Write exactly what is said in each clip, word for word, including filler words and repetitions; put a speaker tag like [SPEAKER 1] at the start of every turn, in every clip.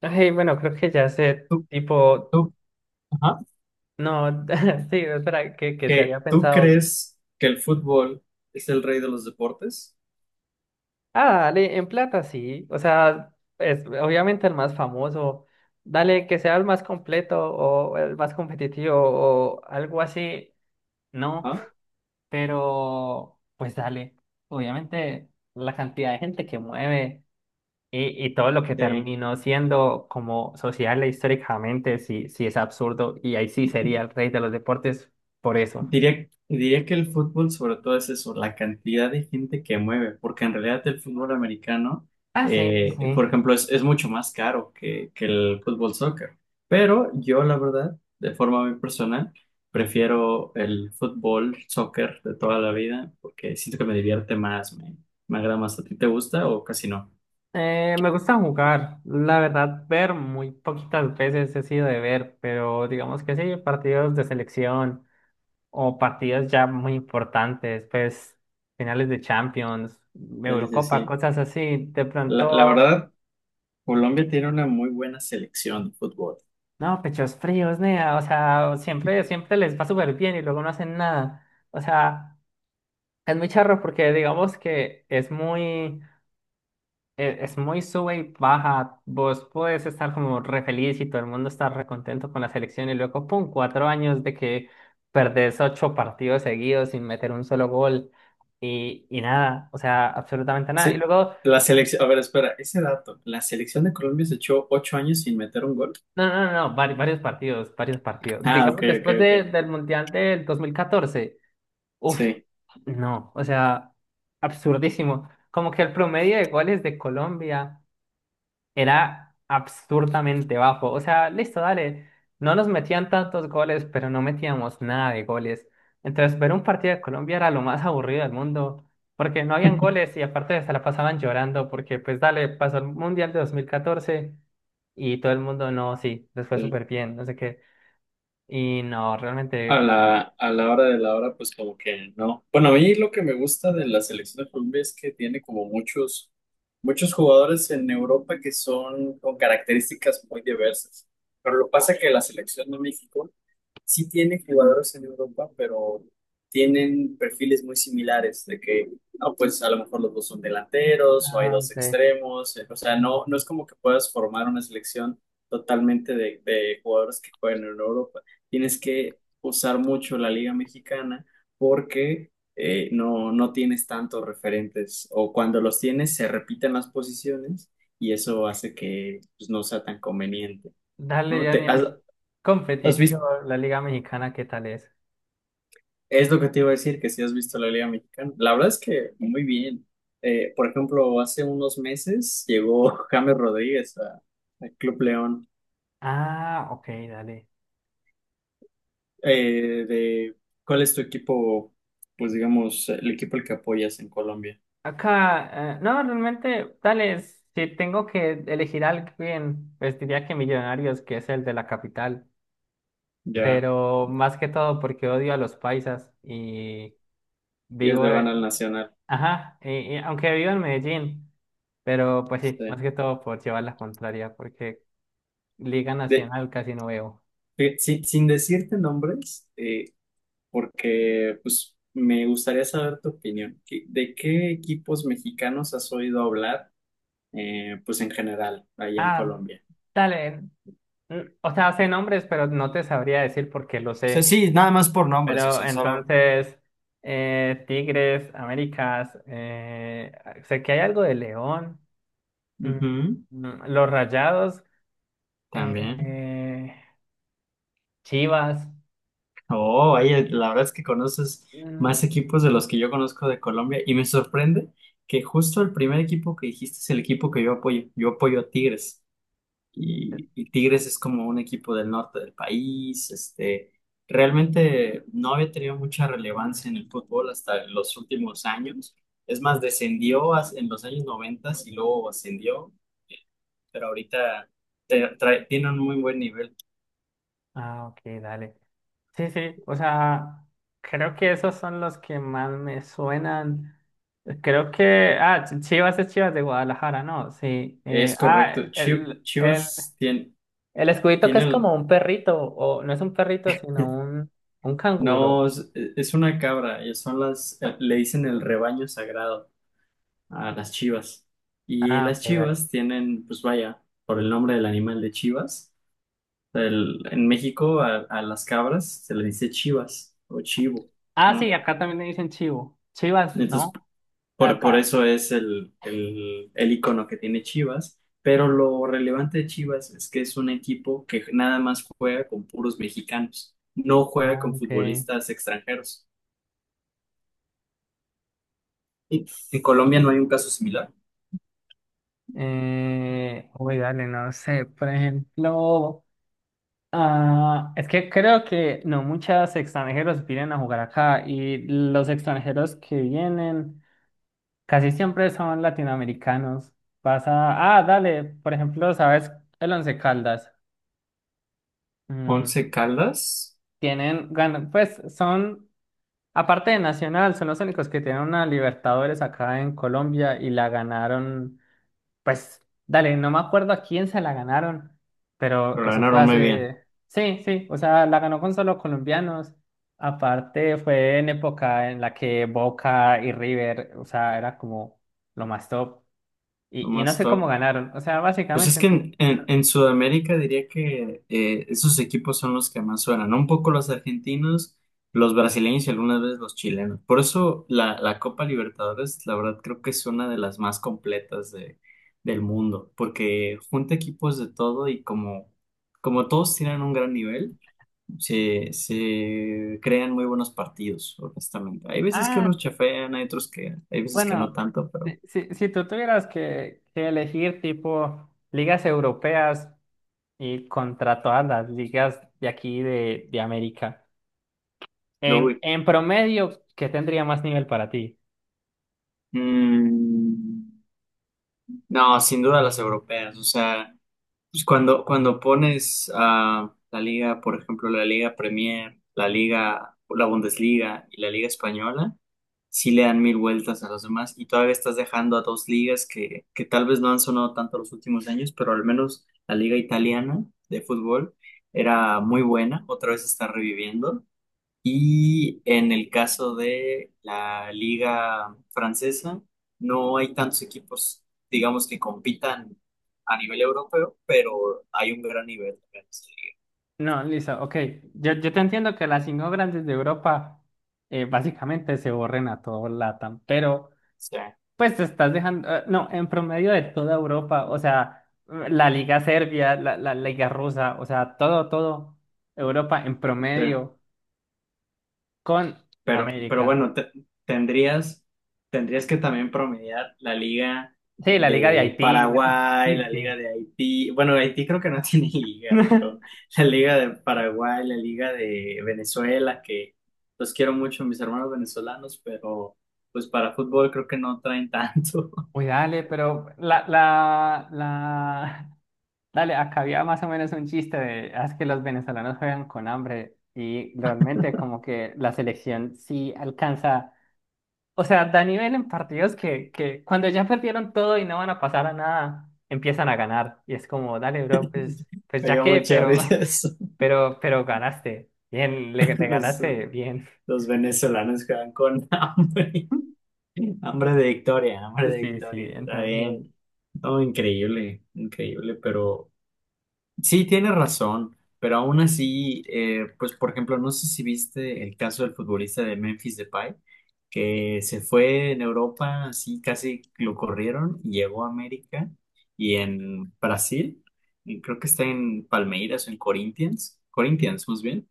[SPEAKER 1] Ay, bueno, creo que ya sé,
[SPEAKER 2] ¿Tú,
[SPEAKER 1] tipo,
[SPEAKER 2] tú, ajá,
[SPEAKER 1] no, sí, espera, que, que se
[SPEAKER 2] que
[SPEAKER 1] había
[SPEAKER 2] tú
[SPEAKER 1] pensado.
[SPEAKER 2] crees que el fútbol es el rey de los deportes?
[SPEAKER 1] Ah, dale, en plata sí, o sea, es obviamente el más famoso. Dale, que sea el más completo o el más competitivo o algo así, no,
[SPEAKER 2] Ajá.
[SPEAKER 1] pero pues dale, obviamente la cantidad de gente que mueve y, y todo lo que
[SPEAKER 2] Sí.
[SPEAKER 1] terminó siendo como social e históricamente, sí, sí es absurdo y ahí sí sería el rey de los deportes por eso.
[SPEAKER 2] Diría, diría que el fútbol sobre todo es eso, la cantidad de gente que mueve, porque en realidad el fútbol americano,
[SPEAKER 1] Ah, sí, sí.
[SPEAKER 2] eh, por
[SPEAKER 1] Sí.
[SPEAKER 2] ejemplo, es, es mucho más caro que, que el fútbol soccer. Pero yo, la verdad, de forma muy personal, prefiero el fútbol soccer de toda la vida, porque siento que me divierte más, me, me agrada más. ¿A ti te gusta o casi no?
[SPEAKER 1] Eh, me gusta jugar, la verdad, ver muy poquitas veces he sido de ver, pero digamos que sí, partidos de selección o partidos ya muy importantes, pues finales de Champions,
[SPEAKER 2] Sí, sí,
[SPEAKER 1] Eurocopa,
[SPEAKER 2] sí.
[SPEAKER 1] cosas así, de
[SPEAKER 2] La, la
[SPEAKER 1] pronto,
[SPEAKER 2] verdad, Colombia tiene una muy buena selección de fútbol.
[SPEAKER 1] no, pechos fríos, nea, o sea, siempre, siempre les va súper bien y luego no hacen nada, o sea, es muy charro porque digamos que es muy... e- es muy sube y baja. Vos podés estar como re feliz y todo el mundo está re contento con la selección y luego, pum, cuatro años de que perdés ocho partidos seguidos sin meter un solo gol y, y nada, o sea, absolutamente nada. Y
[SPEAKER 2] Sí,
[SPEAKER 1] luego,
[SPEAKER 2] la selección, a ver, espera, ese dato, la selección de Colombia se echó ocho años sin meter un gol.
[SPEAKER 1] no, no, no, no, vari- varios partidos, varios partidos.
[SPEAKER 2] Ah, ok,
[SPEAKER 1] Digamos,
[SPEAKER 2] ok,
[SPEAKER 1] después
[SPEAKER 2] ok.
[SPEAKER 1] de- del Mundial del dos mil catorce uff,
[SPEAKER 2] Sí.
[SPEAKER 1] no, o sea, absurdísimo. Como que el promedio de goles de Colombia era absurdamente bajo. O sea, listo, dale. No nos metían tantos goles, pero no metíamos nada de goles. Entonces, ver un partido de Colombia era lo más aburrido del mundo, porque no habían goles y aparte se la pasaban llorando, porque pues dale, pasó el Mundial de dos mil catorce y todo el mundo, no, sí, les fue
[SPEAKER 2] Sí.
[SPEAKER 1] súper bien, no sé qué. Y no,
[SPEAKER 2] A
[SPEAKER 1] realmente,
[SPEAKER 2] la, a la hora de la hora, pues como que no. Bueno, a mí lo que me gusta de la selección de Colombia es que tiene como muchos, muchos jugadores en Europa que son con características muy diversas. Pero lo que pasa es que la selección de México sí tiene jugadores en Europa, pero tienen perfiles muy similares, de que, ah, pues a lo mejor los dos son delanteros o hay
[SPEAKER 1] ah,
[SPEAKER 2] dos
[SPEAKER 1] sí.
[SPEAKER 2] extremos, eh, o sea, no, no es como que puedas formar una selección totalmente de, de jugadores que juegan en Europa. Tienes que usar mucho la Liga Mexicana porque eh, no, no tienes tantos referentes o cuando los tienes se repiten las posiciones y eso hace que pues, no sea tan conveniente.
[SPEAKER 1] Dale,
[SPEAKER 2] ¿No? ¿Te,
[SPEAKER 1] Daniel,
[SPEAKER 2] has,
[SPEAKER 1] competitivo, la Liga Mexicana, ¿qué tal es?
[SPEAKER 2] Es lo que te iba a decir, que si has visto la Liga Mexicana. La verdad es que muy bien. Eh, por ejemplo, hace unos meses llegó James Rodríguez a- al Club León.
[SPEAKER 1] Ah, ok, dale.
[SPEAKER 2] Eh, de, ¿Cuál es tu equipo, pues digamos, el equipo al que apoyas en Colombia?
[SPEAKER 1] Acá, eh, no, realmente, tales, si tengo que elegir a alguien, pues diría que Millonarios, que es el de la capital,
[SPEAKER 2] Ya,
[SPEAKER 1] pero más que todo porque odio a los paisas y
[SPEAKER 2] ellos
[SPEAKER 1] vivo,
[SPEAKER 2] le van
[SPEAKER 1] eh,
[SPEAKER 2] al Nacional.
[SPEAKER 1] ajá, y, y aunque vivo en Medellín, pero pues sí, más
[SPEAKER 2] Sí.
[SPEAKER 1] que todo por llevar la contraria, porque Liga
[SPEAKER 2] De-
[SPEAKER 1] Nacional casi no veo.
[SPEAKER 2] de- sin, sin decirte nombres, eh, porque pues me gustaría saber tu opinión. ¿Qué- ¿De qué equipos mexicanos has oído hablar? Eh, pues en general, ahí en
[SPEAKER 1] Ah,
[SPEAKER 2] Colombia.
[SPEAKER 1] dale, mm, o sea, sé nombres, pero no te sabría decir porque lo
[SPEAKER 2] Sea,
[SPEAKER 1] sé.
[SPEAKER 2] sí, nada más por nombres, o
[SPEAKER 1] Pero
[SPEAKER 2] sea, solo...
[SPEAKER 1] entonces, eh, Tigres, Américas, eh, sé que hay algo de León, mm,
[SPEAKER 2] Ujú,
[SPEAKER 1] mm, los Rayados,
[SPEAKER 2] también.
[SPEAKER 1] eh, Chivas.
[SPEAKER 2] Oh, oye, la verdad es que conoces
[SPEAKER 1] Mm.
[SPEAKER 2] más equipos de los que yo conozco de Colombia y me sorprende que justo el primer equipo que dijiste es el equipo que yo apoyo. Yo apoyo a Tigres. Y, y Tigres es como un equipo del norte del país, este, realmente no había tenido mucha relevancia en el fútbol hasta los últimos años. Es más, descendió as- en los años noventa y luego ascendió, pero ahorita te- trae- tiene un muy buen nivel.
[SPEAKER 1] Ah, ok, dale. Sí, sí, o sea, creo que esos son los que más me suenan. Creo que, ah, Ch- Chivas es Chivas de Guadalajara, ¿no? Sí. eh,
[SPEAKER 2] Es
[SPEAKER 1] ah,
[SPEAKER 2] correcto. Chi-
[SPEAKER 1] el, el,
[SPEAKER 2] Chivas tiene,
[SPEAKER 1] el escudito que
[SPEAKER 2] tiene
[SPEAKER 1] es
[SPEAKER 2] el...
[SPEAKER 1] como un perrito, o no es un perrito, sino un, un
[SPEAKER 2] No,
[SPEAKER 1] canguro.
[SPEAKER 2] es, es una cabra, y son las, le dicen el rebaño sagrado a las chivas. Y
[SPEAKER 1] Ah, ok,
[SPEAKER 2] las
[SPEAKER 1] dale.
[SPEAKER 2] chivas tienen, pues vaya, por el nombre del animal de chivas, el- en México a, a las cabras se le dice chivas o chivo,
[SPEAKER 1] Ah, sí,
[SPEAKER 2] ¿no?
[SPEAKER 1] acá también le dicen chivo. Chivas,
[SPEAKER 2] Entonces,
[SPEAKER 1] ¿no?
[SPEAKER 2] por, por
[SPEAKER 1] Acá.
[SPEAKER 2] eso es el, el, el icono que tiene Chivas. Pero lo relevante de Chivas es que es un equipo que nada más juega con puros mexicanos, no juega
[SPEAKER 1] Ah,
[SPEAKER 2] con
[SPEAKER 1] ok.
[SPEAKER 2] futbolistas extranjeros. Y en Colombia no hay un caso similar.
[SPEAKER 1] Eh, uy, dale, no sé. Por ejemplo, ah, es que creo que no muchos extranjeros vienen a jugar acá y los extranjeros que vienen casi siempre son latinoamericanos. Pasa, ah, dale, por ejemplo, ¿sabes? El Once Caldas.
[SPEAKER 2] Once
[SPEAKER 1] Mm,
[SPEAKER 2] Caldas,
[SPEAKER 1] tienen, gan- pues son. Aparte de Nacional, son los únicos que tienen una Libertadores acá en Colombia y la ganaron, pues, dale, no me acuerdo a quién se la ganaron, pero
[SPEAKER 2] pero la
[SPEAKER 1] eso
[SPEAKER 2] verdad
[SPEAKER 1] fue
[SPEAKER 2] no me bien.
[SPEAKER 1] hace, sí, sí, o sea, la ganó con solo colombianos. Aparte fue en época en la que Boca y River, o sea, era como lo más top.
[SPEAKER 2] Lo
[SPEAKER 1] Y, y no
[SPEAKER 2] más
[SPEAKER 1] sé cómo
[SPEAKER 2] top.
[SPEAKER 1] ganaron, o sea,
[SPEAKER 2] Pues es
[SPEAKER 1] básicamente,
[SPEAKER 2] que
[SPEAKER 1] no-
[SPEAKER 2] en, en- en Sudamérica diría que eh, esos equipos son los que más suenan, ¿no? Un poco los argentinos, los brasileños y algunas veces los chilenos. Por eso la, la Copa Libertadores, la verdad, creo que es una de las más completas de, del mundo, porque junta equipos de todo y como, como todos tienen un gran nivel, se, se crean muy buenos partidos, honestamente. Hay veces que
[SPEAKER 1] ah,
[SPEAKER 2] unos chafean, hay otros que, hay veces que
[SPEAKER 1] bueno,
[SPEAKER 2] no tanto, pero...
[SPEAKER 1] si, si, si tú tuvieras que, que elegir tipo ligas europeas y contra todas las ligas de aquí de, de América.
[SPEAKER 2] lo
[SPEAKER 1] En,
[SPEAKER 2] uy.
[SPEAKER 1] en promedio, ¿qué tendría más nivel para ti?
[SPEAKER 2] Mm, no, sin duda las europeas. O sea, pues cuando, cuando pones a la liga, por ejemplo, la Liga Premier, la Liga, la Bundesliga y la Liga Española, sí le dan mil vueltas a los demás y todavía estás dejando a dos ligas que, que tal vez no han sonado tanto los últimos años, pero al menos la Liga Italiana de fútbol era muy buena, otra vez está reviviendo y en el caso de la liga francesa, no hay tantos equipos, digamos, que compitan a nivel europeo, pero hay un gran nivel también.
[SPEAKER 1] No, listo, ok. Yo, yo te entiendo que las cinco grandes de Europa eh, básicamente se borren a todo L A T A M, pero
[SPEAKER 2] Sí,
[SPEAKER 1] pues te estás dejando, eh, no, en promedio de toda Europa, o sea, la Liga Serbia, la, la Liga Rusa, o sea, todo, todo Europa en
[SPEAKER 2] sí.
[SPEAKER 1] promedio con
[SPEAKER 2] Pero, pero
[SPEAKER 1] América.
[SPEAKER 2] bueno, te- tendrías, tendrías que también promediar la liga
[SPEAKER 1] Sí, la Liga de
[SPEAKER 2] de
[SPEAKER 1] Haití, la-
[SPEAKER 2] Paraguay, la
[SPEAKER 1] sí.
[SPEAKER 2] liga de Haití. Bueno, Haití creo que no tiene liga, pero la liga de Paraguay, la liga de Venezuela, que los quiero mucho, mis hermanos venezolanos, pero pues para fútbol creo que no traen tanto.
[SPEAKER 1] Uy, dale, pero la, la, la, dale, acá había más o menos un chiste de, "Ah, es que los venezolanos juegan con hambre y realmente como que la selección sí alcanza, o sea, da nivel en partidos que, que cuando ya perdieron todo y no van a pasar a nada, empiezan a ganar y es como, dale, bro, pues, pues
[SPEAKER 2] Me
[SPEAKER 1] ya
[SPEAKER 2] dio
[SPEAKER 1] qué,
[SPEAKER 2] mucha
[SPEAKER 1] pero,
[SPEAKER 2] risa eso.
[SPEAKER 1] pero, pero ganaste, bien, le, le
[SPEAKER 2] Los,
[SPEAKER 1] ganaste, bien.
[SPEAKER 2] los venezolanos que van con hambre, hambre de victoria, hambre de
[SPEAKER 1] Sí, sí,
[SPEAKER 2] victoria. Está
[SPEAKER 1] entonces,
[SPEAKER 2] bien. No, increíble, increíble, pero sí tiene razón, pero aún así, eh, pues por ejemplo, no sé si viste el caso del futbolista de Memphis Depay, que se fue en Europa, así casi lo corrieron, y llegó a América y en Brasil, y creo que está en Palmeiras o en Corinthians, Corinthians, más bien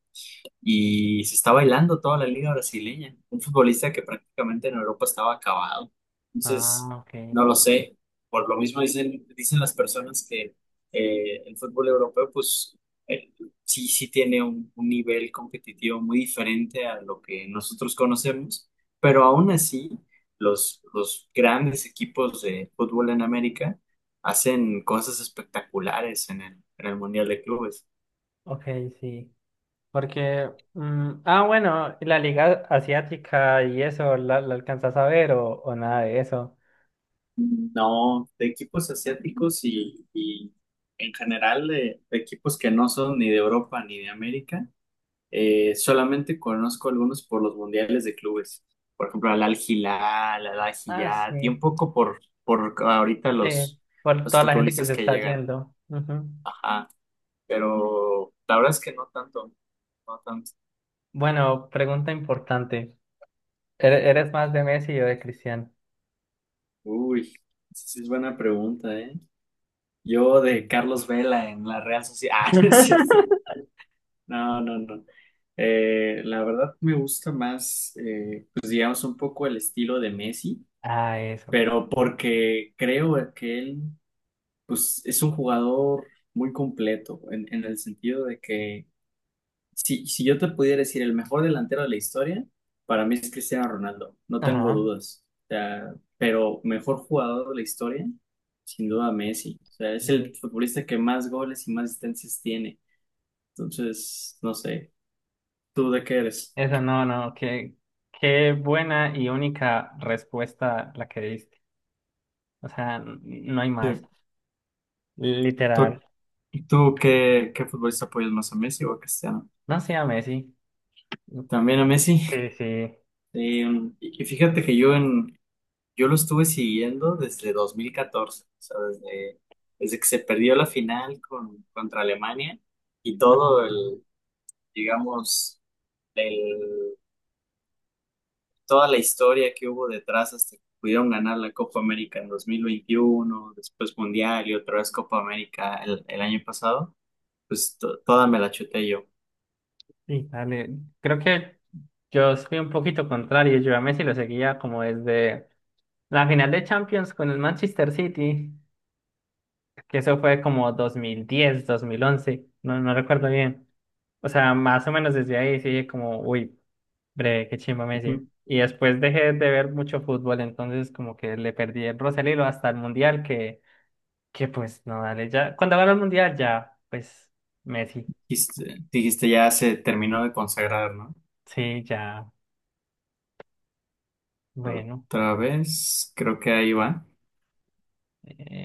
[SPEAKER 2] y se está bailando toda la liga brasileña. Un futbolista que prácticamente en Europa estaba acabado. Entonces,
[SPEAKER 1] ah, ok,
[SPEAKER 2] no lo sé. Por lo mismo dicen, dicen las personas que eh, el fútbol europeo, pues eh, sí, sí tiene un, un nivel competitivo muy diferente a lo que nosotros conocemos, pero aún así, los, los grandes equipos de fútbol en América hacen cosas espectaculares en el, en el Mundial de Clubes.
[SPEAKER 1] ok, sí. Porque, mm, ah, bueno, ¿y la Liga Asiática y eso, ¿la, la alcanzas a ver o, o nada de eso?
[SPEAKER 2] No, de equipos asiáticos y, y en general de, de equipos que no son ni de Europa ni de América, eh, solamente conozco algunos por los mundiales de clubes. Por ejemplo, al Al-Hilal, al
[SPEAKER 1] Ah,
[SPEAKER 2] Al-Hayat
[SPEAKER 1] sí,
[SPEAKER 2] y un poco por, por ahorita
[SPEAKER 1] sí,
[SPEAKER 2] los,
[SPEAKER 1] por
[SPEAKER 2] los
[SPEAKER 1] toda la gente que
[SPEAKER 2] futbolistas
[SPEAKER 1] se
[SPEAKER 2] que
[SPEAKER 1] está
[SPEAKER 2] llegan.
[SPEAKER 1] yendo. Ujú.
[SPEAKER 2] Ajá, pero la verdad es que no tanto, no tanto.
[SPEAKER 1] Bueno, pregunta importante. ¿Ere- ¿Eres más de Messi o de Cristiano?
[SPEAKER 2] Uy, esa sí es buena pregunta, ¿eh? Yo de Carlos Vela en la Real Sociedad. Ah, no es cierto. No, no, no. Eh, la verdad me gusta más, eh, pues digamos, un poco el estilo de Messi,
[SPEAKER 1] Ah, eso.
[SPEAKER 2] pero porque creo que él, pues es un jugador muy completo, en, en el sentido de que si, si yo te pudiera decir el mejor delantero de la historia, para mí es Cristiano Ronaldo, no tengo
[SPEAKER 1] Ajá.
[SPEAKER 2] dudas. O sea, pero mejor jugador de la historia, sin duda Messi. O sea, es
[SPEAKER 1] Eh,
[SPEAKER 2] el futbolista que más goles y más asistencias tiene. Entonces, no sé, ¿tú de qué eres?
[SPEAKER 1] eso no, no, qué, qué buena y única respuesta la que diste. O sea, n- no hay más.
[SPEAKER 2] Sí.
[SPEAKER 1] Literal.
[SPEAKER 2] ¿Tú, tú qué, Qué futbolista apoyas más, ¿a Messi o a Cristiano?
[SPEAKER 1] No sea Messi.
[SPEAKER 2] También a Messi.
[SPEAKER 1] Sí, sí.
[SPEAKER 2] Eh, y y fíjate que yo en, yo lo estuve siguiendo desde dos mil catorce, o sea, desde, desde que se perdió la final con, contra Alemania y
[SPEAKER 1] Ah.
[SPEAKER 2] todo
[SPEAKER 1] Ok.
[SPEAKER 2] el, digamos, el, toda la historia que hubo detrás hasta que pudieron ganar la Copa América en dos mil veintiuno después Mundial y otra vez Copa América el, el año pasado, pues to- toda me la chuté yo.
[SPEAKER 1] Sí, dale. Creo que yo soy un poquito contrario. Yo a Messi lo seguía como desde la final de Champions con el Manchester City, que eso fue como dos dos mil diez dos mil once no, no recuerdo bien. O sea, más o menos desde ahí sí, como, uy, breve, qué chimba Messi. Y después dejé de ver mucho fútbol, entonces como que le perdí el Rosalilo hasta el Mundial, que, que pues no, dale, ya, cuando ganó el Mundial ya, pues Messi,
[SPEAKER 2] Dijiste, dijiste ya se terminó de consagrar, ¿no?
[SPEAKER 1] sí, ya, bueno.
[SPEAKER 2] Otra vez, creo que ahí va.